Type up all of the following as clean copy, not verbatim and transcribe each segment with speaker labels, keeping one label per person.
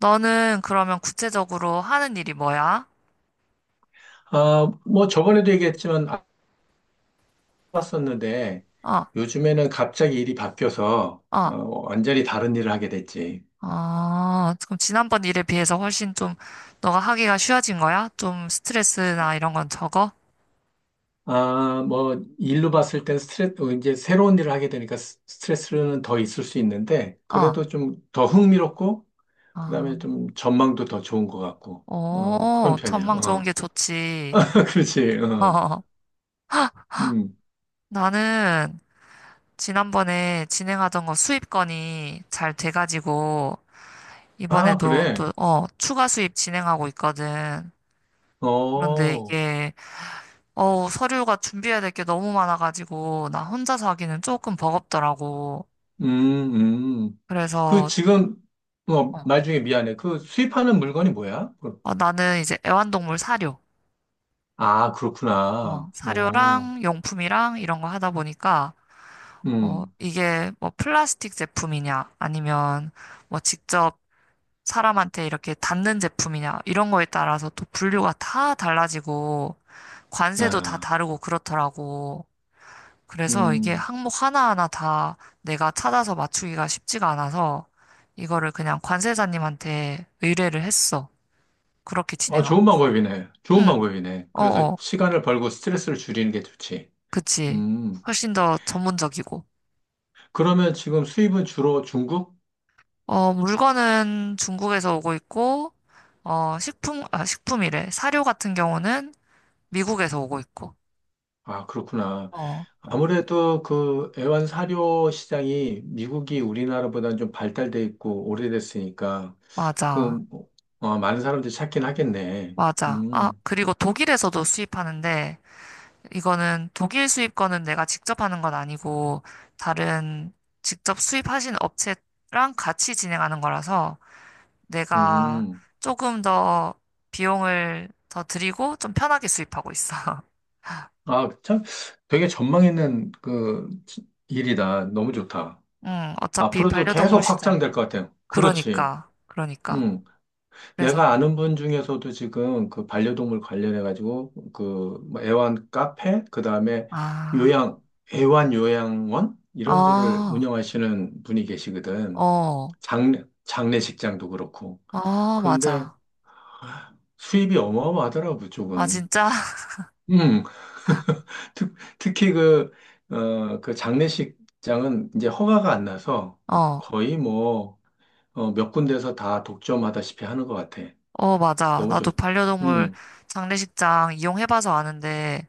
Speaker 1: 너는 그러면 구체적으로 하는 일이 뭐야?
Speaker 2: 아, 뭐 저번에도 얘기했지만 알았었는데
Speaker 1: 어,
Speaker 2: 요즘에는 갑자기 일이 바뀌어서
Speaker 1: 어,
Speaker 2: 완전히 다른 일을 하게 됐지.
Speaker 1: 어, 그럼 지난번 일에 비해서 훨씬 좀 너가 하기가 쉬워진 거야? 좀 스트레스나 이런 건 적어?
Speaker 2: 아, 뭐 일로 봤을 땐 스트레스, 이제 새로운 일을 하게 되니까 스트레스는 더 있을 수 있는데
Speaker 1: 어,
Speaker 2: 그래도 좀 더 흥미롭고 그다음에
Speaker 1: 어,
Speaker 2: 좀 전망도 더 좋은 것 같고 그런
Speaker 1: 오,
Speaker 2: 편이야.
Speaker 1: 전망 좋은
Speaker 2: 어.
Speaker 1: 게 좋지.
Speaker 2: 그렇지. 어.
Speaker 1: 어,
Speaker 2: 음.
Speaker 1: 나는 지난번에 진행하던 거 수입 건이 잘 돼가지고
Speaker 2: 아,
Speaker 1: 이번에도
Speaker 2: 그래.
Speaker 1: 또, 어, 추가 수입 진행하고 있거든. 그런데
Speaker 2: 어.
Speaker 1: 이게 어, 서류가 준비해야 될 게 너무 많아가지고, 나 혼자서 하기는 조금 버겁더라고.
Speaker 2: 음, 음. 그
Speaker 1: 그래서,
Speaker 2: 지금 뭐
Speaker 1: 어,
Speaker 2: 말 중에 미안해. 그 수입하는 물건이 뭐야?
Speaker 1: 어, 나는 이제 애완동물 사료,
Speaker 2: 아,
Speaker 1: 어,
Speaker 2: 그렇구나. 오,
Speaker 1: 사료랑 용품이랑 이런 거 하다 보니까, 어,
Speaker 2: 음,
Speaker 1: 이게 뭐 플라스틱 제품이냐, 아니면 뭐 직접 사람한테 이렇게 닿는 제품이냐, 이런 거에 따라서 또 분류가 다 달라지고, 관세도 다
Speaker 2: 야,
Speaker 1: 다르고 그렇더라고. 그래서 이게
Speaker 2: 음.
Speaker 1: 항목 하나하나 다 내가 찾아서 맞추기가 쉽지가 않아서 이거를 그냥 관세사님한테 의뢰를 했어. 그렇게
Speaker 2: 어,
Speaker 1: 진행하고
Speaker 2: 좋은
Speaker 1: 있어.
Speaker 2: 방법이네. 좋은
Speaker 1: 응,
Speaker 2: 방법이네. 그래서
Speaker 1: 어어,
Speaker 2: 시간을 벌고 스트레스를 줄이는 게 좋지.
Speaker 1: 그치.
Speaker 2: 음.
Speaker 1: 훨씬 더 전문적이고.
Speaker 2: 그러면 지금 수입은 주로 중국?
Speaker 1: 어, 물건은 중국에서 오고 있고, 어, 식품, 아, 식품이래. 사료 같은 경우는 미국에서 오고 있고.
Speaker 2: 아, 그렇구나.
Speaker 1: 어,
Speaker 2: 아무래도 그 애완 사료 시장이 미국이 우리나라보다는 좀 발달돼 있고 오래됐으니까 그
Speaker 1: 맞아.
Speaker 2: 뭐, 많은 사람들이 찾긴 하겠네.
Speaker 1: 맞아. 아,
Speaker 2: 음,
Speaker 1: 그리고 독일에서도 수입하는데, 이거는 독일 수입 거는 내가 직접 하는 건 아니고 다른 직접 수입하신 업체랑 같이 진행하는 거라서 내가
Speaker 2: 음.
Speaker 1: 조금 더 비용을 더 드리고 좀 편하게 수입하고 있어.
Speaker 2: 아, 참 되게 전망 있는 그 일이다. 너무 좋다.
Speaker 1: 응, 어차피
Speaker 2: 앞으로도 계속
Speaker 1: 반려동물 시장.
Speaker 2: 확장될 것 같아요. 그렇지.
Speaker 1: 그러니까, 그러니까.
Speaker 2: 음.
Speaker 1: 그래서,
Speaker 2: 내가 아는 분 중에서도 지금 그 반려동물 관련해가지고 그뭐 애완 카페, 그 다음에
Speaker 1: 아,
Speaker 2: 요양, 애완 요양원? 이런 거를
Speaker 1: 아,
Speaker 2: 운영하시는 분이 계시거든.
Speaker 1: 어,
Speaker 2: 장례식장도 그렇고.
Speaker 1: 아,
Speaker 2: 그런데
Speaker 1: 맞아.
Speaker 2: 수입이 어마어마하더라고,
Speaker 1: 아,
Speaker 2: 그쪽은.
Speaker 1: 진짜?
Speaker 2: 음, 특히 그, 그 장례식장은 이제 허가가 안 나서
Speaker 1: 어,
Speaker 2: 거의 뭐, 몇 군데서 다 독점하다시피 하는 것 같아.
Speaker 1: 어, 맞아.
Speaker 2: 너무
Speaker 1: 나도
Speaker 2: 좋,
Speaker 1: 반려동물
Speaker 2: 음.
Speaker 1: 장례식장 이용해봐서 아는데,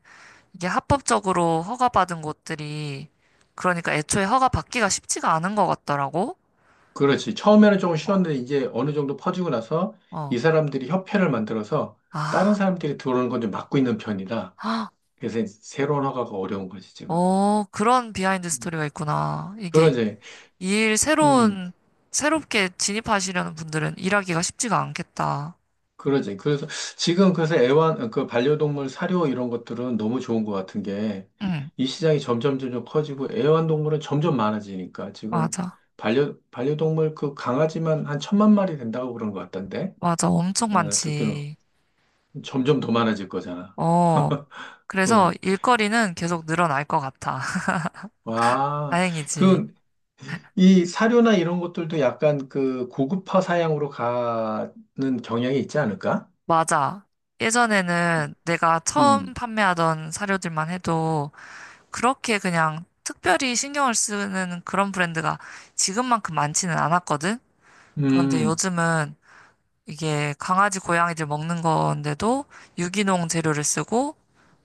Speaker 1: 이게 합법적으로 허가받은 곳들이 그러니까 애초에 허가받기가 쉽지가 않은 것 같더라고.
Speaker 2: 그렇지. 처음에는 조금
Speaker 1: 어.
Speaker 2: 쉬웠는데 이제 어느 정도 퍼지고 나서 이
Speaker 1: 어.
Speaker 2: 사람들이 협회를 만들어서 다른
Speaker 1: 아.
Speaker 2: 사람들이 들어오는 건 좀 막고 있는 편이다.
Speaker 1: 헉,
Speaker 2: 그래서 새로운 허가가 어려운 거지, 지금.
Speaker 1: 어, 그런 비하인드 스토리가 있구나. 이게
Speaker 2: 그러지.
Speaker 1: 이 일
Speaker 2: 음,
Speaker 1: 새로운 새롭게 진입하시려는 분들은 일하기가 쉽지가 않겠다.
Speaker 2: 그러지. 그래서 지금 그래서 그 반려동물 사료 이런 것들은 너무 좋은 것 같은 게
Speaker 1: 응.
Speaker 2: 이 시장이 점점 점점 커지고 애완동물은 점점 많아지니까 지금
Speaker 1: 맞아.
Speaker 2: 반려동물 그 강아지만 한 천만 마리 된다고 그런 것 같던데.
Speaker 1: 맞아. 엄청
Speaker 2: 어, 듣기로.
Speaker 1: 많지.
Speaker 2: 점점 더 많아질 거잖아.
Speaker 1: 어. 그래서
Speaker 2: 응.
Speaker 1: 일거리는 계속 늘어날 것 같아.
Speaker 2: 와,
Speaker 1: 다행이지.
Speaker 2: 그, 이 사료나 이런 것들도 약간 그 고급화 사양으로 가는 경향이 있지 않을까?
Speaker 1: 맞아. 예전에는 내가 처음
Speaker 2: 음,
Speaker 1: 판매하던 사료들만 해도 그렇게 그냥 특별히 신경을 쓰는 그런 브랜드가 지금만큼 많지는 않았거든? 그런데
Speaker 2: 음,
Speaker 1: 요즘은 이게 강아지, 고양이들 먹는 건데도 유기농 재료를 쓰고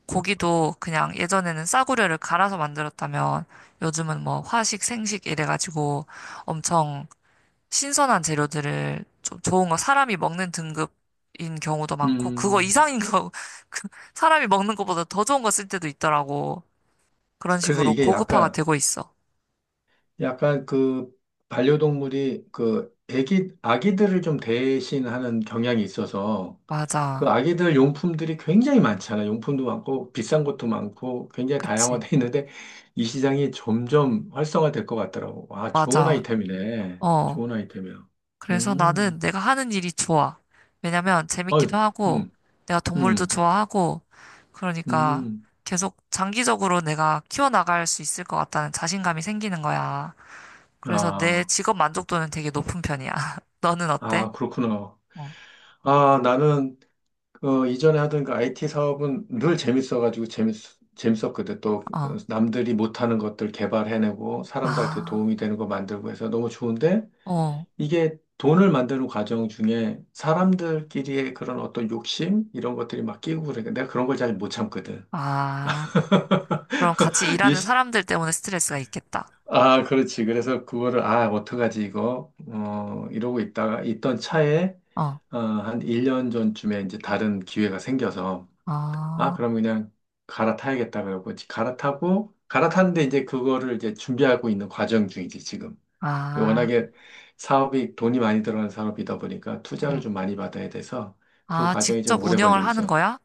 Speaker 1: 고기도 그냥 예전에는 싸구려를 갈아서 만들었다면 요즘은 뭐 화식, 생식 이래가지고 엄청 신선한 재료들을 좀 좋은 거 사람이 먹는 등급인 경우도 많고 그거
Speaker 2: 음.
Speaker 1: 이상인 거 그 사람이 먹는 것보다 더 좋은 거 쓸 때도 있더라고. 그런
Speaker 2: 그래서
Speaker 1: 식으로
Speaker 2: 이게
Speaker 1: 고급화가
Speaker 2: 약간,
Speaker 1: 되고 있어.
Speaker 2: 약간 그 반려동물이 그 아기들을 좀 대신하는 경향이 있어서 그
Speaker 1: 맞아.
Speaker 2: 아기들 용품들이 굉장히 많잖아요. 용품도 많고 비싼 것도 많고 굉장히
Speaker 1: 그치.
Speaker 2: 다양화돼 있는데 이 시장이 점점 활성화될 것 같더라고. 아, 좋은
Speaker 1: 맞아.
Speaker 2: 아이템이네.
Speaker 1: 어.
Speaker 2: 좋은 아이템이야.
Speaker 1: 그래서
Speaker 2: 음,
Speaker 1: 나는 내가 하는 일이 좋아. 왜냐면
Speaker 2: 어
Speaker 1: 재밌기도 하고,
Speaker 2: 음,
Speaker 1: 내가 동물도
Speaker 2: 음,
Speaker 1: 좋아하고, 그러니까
Speaker 2: 음.
Speaker 1: 계속 장기적으로 내가 키워나갈 수 있을 것 같다는 자신감이 생기는 거야. 그래서 내
Speaker 2: 아,
Speaker 1: 직업 만족도는 되게 높은 편이야. 너는 어때?
Speaker 2: 아, 그렇구나.
Speaker 1: 어.
Speaker 2: 아, 나는 그 이전에 하던 그 IT 사업은 늘 재밌어가지고 재밌었거든. 또
Speaker 1: 어.
Speaker 2: 남들이 못하는 것들 개발해내고 사람들한테
Speaker 1: 아.
Speaker 2: 도움이 되는 거 만들고 해서 너무 좋은데
Speaker 1: 어.
Speaker 2: 이게 돈을 만드는 과정 중에 사람들끼리의 그런 어떤 욕심 이런 것들이 막 끼고 그러니까 내가 그런 걸 잘 못 참거든.
Speaker 1: 아. 그럼 같이
Speaker 2: 이
Speaker 1: 일하는
Speaker 2: 시-
Speaker 1: 사람들 때문에 스트레스가 있겠다.
Speaker 2: 아, 그렇지. 그래서 그거를, 아, 어떡하지, 이거. 이러고 있다가, 있던 차에,
Speaker 1: 어.
Speaker 2: 한 1년 전쯤에 이제 다른 기회가 생겨서, 아,
Speaker 1: 아.
Speaker 2: 그럼 그냥 갈아타야겠다 그러고 갈아타고 갈아타는데 이제 그거를 이제 준비하고 있는 과정 중이지 지금.
Speaker 1: 아.
Speaker 2: 워낙에 사업이 돈이 많이 들어가는 사업이다 보니까 투자를
Speaker 1: 음.
Speaker 2: 좀 많이 받아야 돼서 그
Speaker 1: 아,
Speaker 2: 과정이 좀
Speaker 1: 직접
Speaker 2: 오래
Speaker 1: 운영을
Speaker 2: 걸리고
Speaker 1: 하는
Speaker 2: 있어.
Speaker 1: 거야?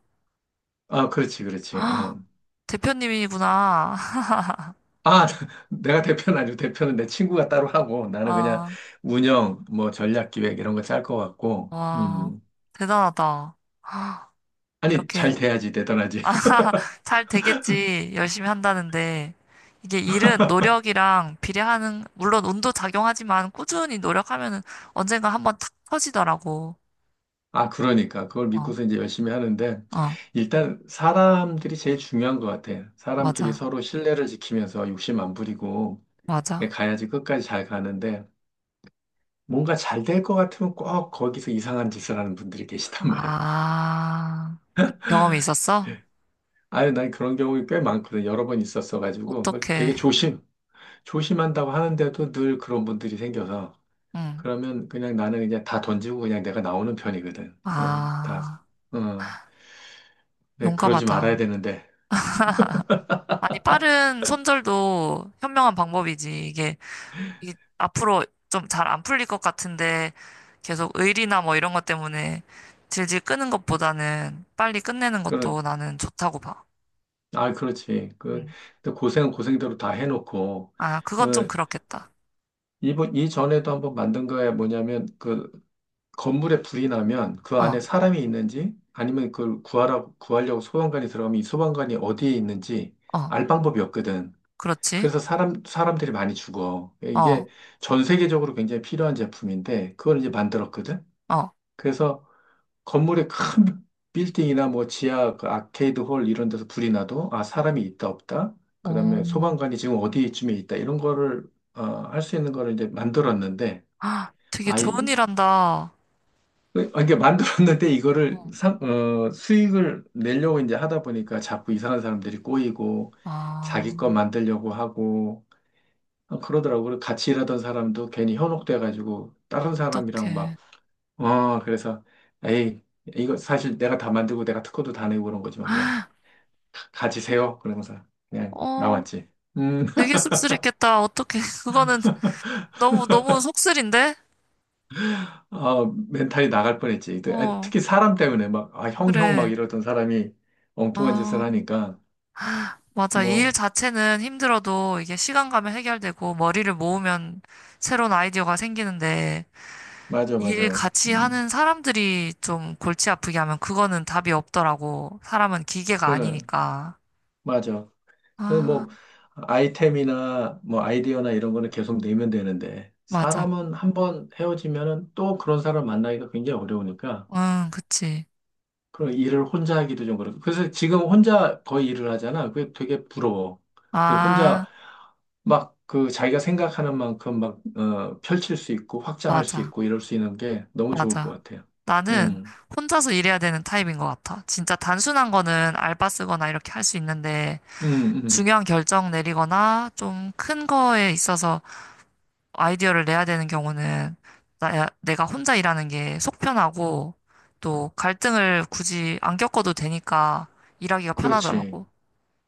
Speaker 2: 아, 그렇지, 그렇지.
Speaker 1: 아,
Speaker 2: 응.
Speaker 1: 대표님이구나.
Speaker 2: 아, 내가 대표는 아니고 대표는 내 친구가 따로 하고 나는 그냥
Speaker 1: 아,
Speaker 2: 운영, 뭐 전략 기획 이런 거 짤 것 같고.
Speaker 1: 와,
Speaker 2: 음.
Speaker 1: 대단하다. 아,
Speaker 2: 아니,
Speaker 1: 이렇게,
Speaker 2: 잘 돼야지 대단하지.
Speaker 1: 아, 잘 되겠지. 열심히 한다는데. 이게 일은 노력이랑 비례하는, 물론 운도 작용하지만 꾸준히 노력하면은 언젠가 한번 탁 터지더라고.
Speaker 2: 아, 그러니까. 그걸
Speaker 1: 어,
Speaker 2: 믿고서 이제 열심히 하는데,
Speaker 1: 어,
Speaker 2: 일단 사람들이 제일 중요한 것 같아. 사람끼리
Speaker 1: 맞아,
Speaker 2: 서로 신뢰를 지키면서 욕심 안 부리고,
Speaker 1: 맞아.
Speaker 2: 가야지 끝까지 잘 가는데, 뭔가 잘 될 것 같으면 꼭 거기서 이상한 짓을 하는 분들이 계시단 말이야.
Speaker 1: 아, 경험이 있었어?
Speaker 2: 아유, 난 그런 경우가 꽤 많거든. 여러 번 있었어가지고, 그걸 되게
Speaker 1: 어떡해.
Speaker 2: 조심한다고 하는데도 늘 그런 분들이 생겨서,
Speaker 1: 응.
Speaker 2: 그러면 그냥 나는 그냥 다 던지고 그냥 내가 나오는 편이거든. 그냥 다,
Speaker 1: 아,
Speaker 2: 어, 네, 그러지
Speaker 1: 용감하다.
Speaker 2: 말아야 되는데.
Speaker 1: 아니, 빠른 손절도 현명한 방법이지. 이게 앞으로 좀 잘 안 풀릴 것 같은데 계속 의리나 뭐 이런 것 때문에 질질 끄는 것보다는 빨리 끝내는 것도 나는 좋다고 봐.
Speaker 2: 아, 그렇지. 그,
Speaker 1: 음.
Speaker 2: 근데 고생은 고생대로 다 해놓고,
Speaker 1: 아,
Speaker 2: 어,
Speaker 1: 그건 좀 그렇겠다.
Speaker 2: 이전에도 한번 만든 거에 뭐냐면, 그, 건물에 불이 나면 그
Speaker 1: 어,
Speaker 2: 안에 사람이 있는지, 아니면 그걸 구하려고 소방관이 들어가면 이 소방관이 어디에 있는지
Speaker 1: 어,
Speaker 2: 알 방법이 없거든.
Speaker 1: 그렇지.
Speaker 2: 그래서 사람들이 많이 죽어.
Speaker 1: 어,
Speaker 2: 이게 전 세계적으로 굉장히 필요한 제품인데, 그걸 이제 만들었거든.
Speaker 1: 어.
Speaker 2: 그래서 건물의 큰 빌딩이나 뭐 지하 그 아케이드 홀 이런 데서 불이 나도 아 사람이 있다 없다
Speaker 1: 어,
Speaker 2: 그다음에 소방관이 지금 어디쯤에 있다 이런 거를 할 수 있는 거를 이제 만들었는데
Speaker 1: 아, 되게 좋은
Speaker 2: 아이
Speaker 1: 일 한다.
Speaker 2: 그, 아, 이게 만들었는데 이거를
Speaker 1: 어,
Speaker 2: 수익을 내려고 이제 하다 보니까 자꾸 이상한 사람들이 꼬이고
Speaker 1: 아,
Speaker 2: 자기 거 만들려고 하고 그러더라고요. 그리고 같이 일하던 사람도 괜히 현혹돼 가지고 다른 사람이랑 막
Speaker 1: 어떡해.
Speaker 2: 그래서, 에이, 이거 사실 내가 다 만들고 내가 특허도 다 내고 그런 거지만 그냥 가지세요. 그러면서 그냥
Speaker 1: 어,
Speaker 2: 나왔지. 음,
Speaker 1: 되게 씁쓸했겠다. 어떡해. 그거는 너무, 너무 속쓰린데?
Speaker 2: 멘탈이 나갈 뻔했지. 그, 아,
Speaker 1: 어,
Speaker 2: 특히 사람 때문에 막, 아, 형 막
Speaker 1: 그래.
Speaker 2: 이러던 사람이 엉뚱한 짓을
Speaker 1: 아,
Speaker 2: 하니까,
Speaker 1: 맞아. 이 일
Speaker 2: 뭐,
Speaker 1: 자체는 힘들어도 이게 시간 가면 해결되고 머리를 모으면 새로운 아이디어가 생기는데
Speaker 2: 맞아,
Speaker 1: 이 일
Speaker 2: 맞아.
Speaker 1: 같이 하는 사람들이 좀 골치 아프게 하면 그거는 답이 없더라고. 사람은 기계가
Speaker 2: 그,
Speaker 1: 아니니까.
Speaker 2: 맞아. 그래서
Speaker 1: 아,
Speaker 2: 뭐, 아이템이나 뭐 아이디어나 이런 거는 계속 내면 되는데,
Speaker 1: 맞아.
Speaker 2: 사람은 한번 헤어지면은 또 그런 사람 만나기가 굉장히 어려우니까,
Speaker 1: 응, 그치.
Speaker 2: 그런 일을 혼자 하기도 좀 그렇고. 그래서 지금 혼자 거의 일을 하잖아. 그게 되게 부러워. 그리고 혼자
Speaker 1: 아,
Speaker 2: 막 그 자기가 생각하는 만큼 막, 펼칠 수 있고 확장할 수
Speaker 1: 맞아.
Speaker 2: 있고 이럴 수 있는 게 너무 좋을 것
Speaker 1: 맞아.
Speaker 2: 같아요.
Speaker 1: 나는
Speaker 2: 음,
Speaker 1: 혼자서 일해야 되는 타입인 것 같아. 진짜 단순한 거는 알바 쓰거나 이렇게 할 수 있는데
Speaker 2: 음, 음.
Speaker 1: 중요한 결정 내리거나 좀 큰 거에 있어서 아이디어를 내야 되는 경우는 내가 혼자 일하는 게 속 편하고 또 갈등을 굳이 안 겪어도 되니까 일하기가
Speaker 2: 그렇지.
Speaker 1: 편하더라고.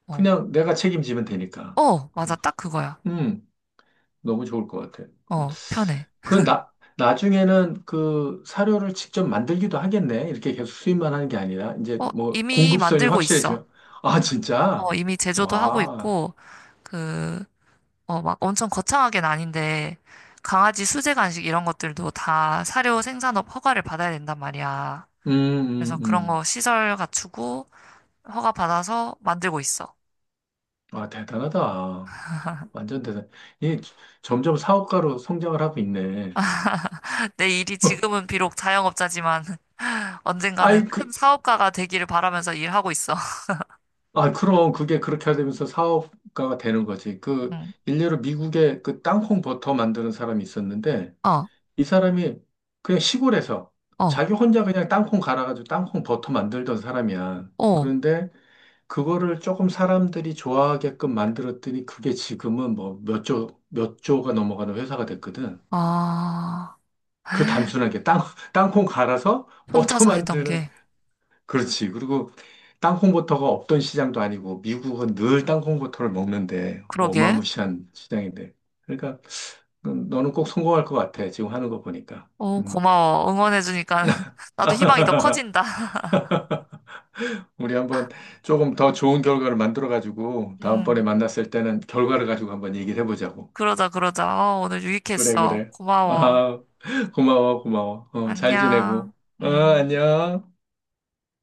Speaker 1: 어,
Speaker 2: 그냥 내가 책임지면 되니까.
Speaker 1: 어, 맞아.
Speaker 2: 음,
Speaker 1: 딱 그거야.
Speaker 2: 음. 너무 좋을 것 같아요.
Speaker 1: 어, 편해.
Speaker 2: 그 나중에는 그 사료를 직접 만들기도 하겠네. 이렇게 계속 수입만 하는 게 아니라, 이제
Speaker 1: 어,
Speaker 2: 뭐
Speaker 1: 이미
Speaker 2: 공급선이
Speaker 1: 만들고 있어.
Speaker 2: 확실해지면, 아,
Speaker 1: 어,
Speaker 2: 진짜?
Speaker 1: 이미 제조도 하고
Speaker 2: 와,
Speaker 1: 있고, 그, 어, 막 엄청 거창하게는 아닌데, 강아지 수제 간식 이런 것들도 다 사료 생산업 허가를 받아야 된단 말이야.
Speaker 2: 음,
Speaker 1: 그래서
Speaker 2: 음,
Speaker 1: 그런
Speaker 2: 음.
Speaker 1: 거 시설 갖추고 허가 받아서 만들고 있어.
Speaker 2: 와, 대단하다. 완전 대단. 이 점점 사업가로 성장을 하고 있네.
Speaker 1: 내 일이 지금은 비록 자영업자지만 언젠가는
Speaker 2: 아이,
Speaker 1: 큰
Speaker 2: 그,
Speaker 1: 사업가가 되기를 바라면서 일하고 있어.
Speaker 2: 아, 그럼 그게 그렇게 되면서 사업가가 되는 거지. 그,
Speaker 1: 응.
Speaker 2: 일례로 미국에 그 땅콩 버터 만드는 사람이 있었는데,
Speaker 1: 어,
Speaker 2: 이 사람이 그냥 시골에서
Speaker 1: 어,
Speaker 2: 자기 혼자 그냥 땅콩 갈아가지고 땅콩 버터 만들던 사람이야.
Speaker 1: 어.
Speaker 2: 그런데 그거를 조금 사람들이 좋아하게끔 만들었더니 그게 지금은 뭐 몇 조, 몇 조가 넘어가는 회사가 됐거든.
Speaker 1: 아,
Speaker 2: 그 단순하게 땅콩 갈아서 버터
Speaker 1: 혼자서 했던
Speaker 2: 만드는,
Speaker 1: 게.
Speaker 2: 그렇지. 그리고 땅콩 버터가 없던 시장도 아니고 미국은 늘 땅콩 버터를 먹는데
Speaker 1: 그러게.
Speaker 2: 어마무시한 시장인데. 그러니까 너는 꼭 성공할 것 같아. 지금 하는 거 보니까.
Speaker 1: 어,
Speaker 2: 음.
Speaker 1: 고마워. 응원해주니까 나도 희망이 더 커진다.
Speaker 2: 우리 한번 조금 더 좋은 결과를 만들어가지고 다음번에
Speaker 1: 응.
Speaker 2: 만났을 때는 결과를 가지고 한번 얘기를 해보자고.
Speaker 1: 그러자, 그러자. 어, 오늘
Speaker 2: 그래,
Speaker 1: 유익했어.
Speaker 2: 그래.
Speaker 1: 고마워.
Speaker 2: 아, 고마워, 고마워. 어, 잘
Speaker 1: 안녕.
Speaker 2: 지내고. 어,
Speaker 1: 음.
Speaker 2: 안녕.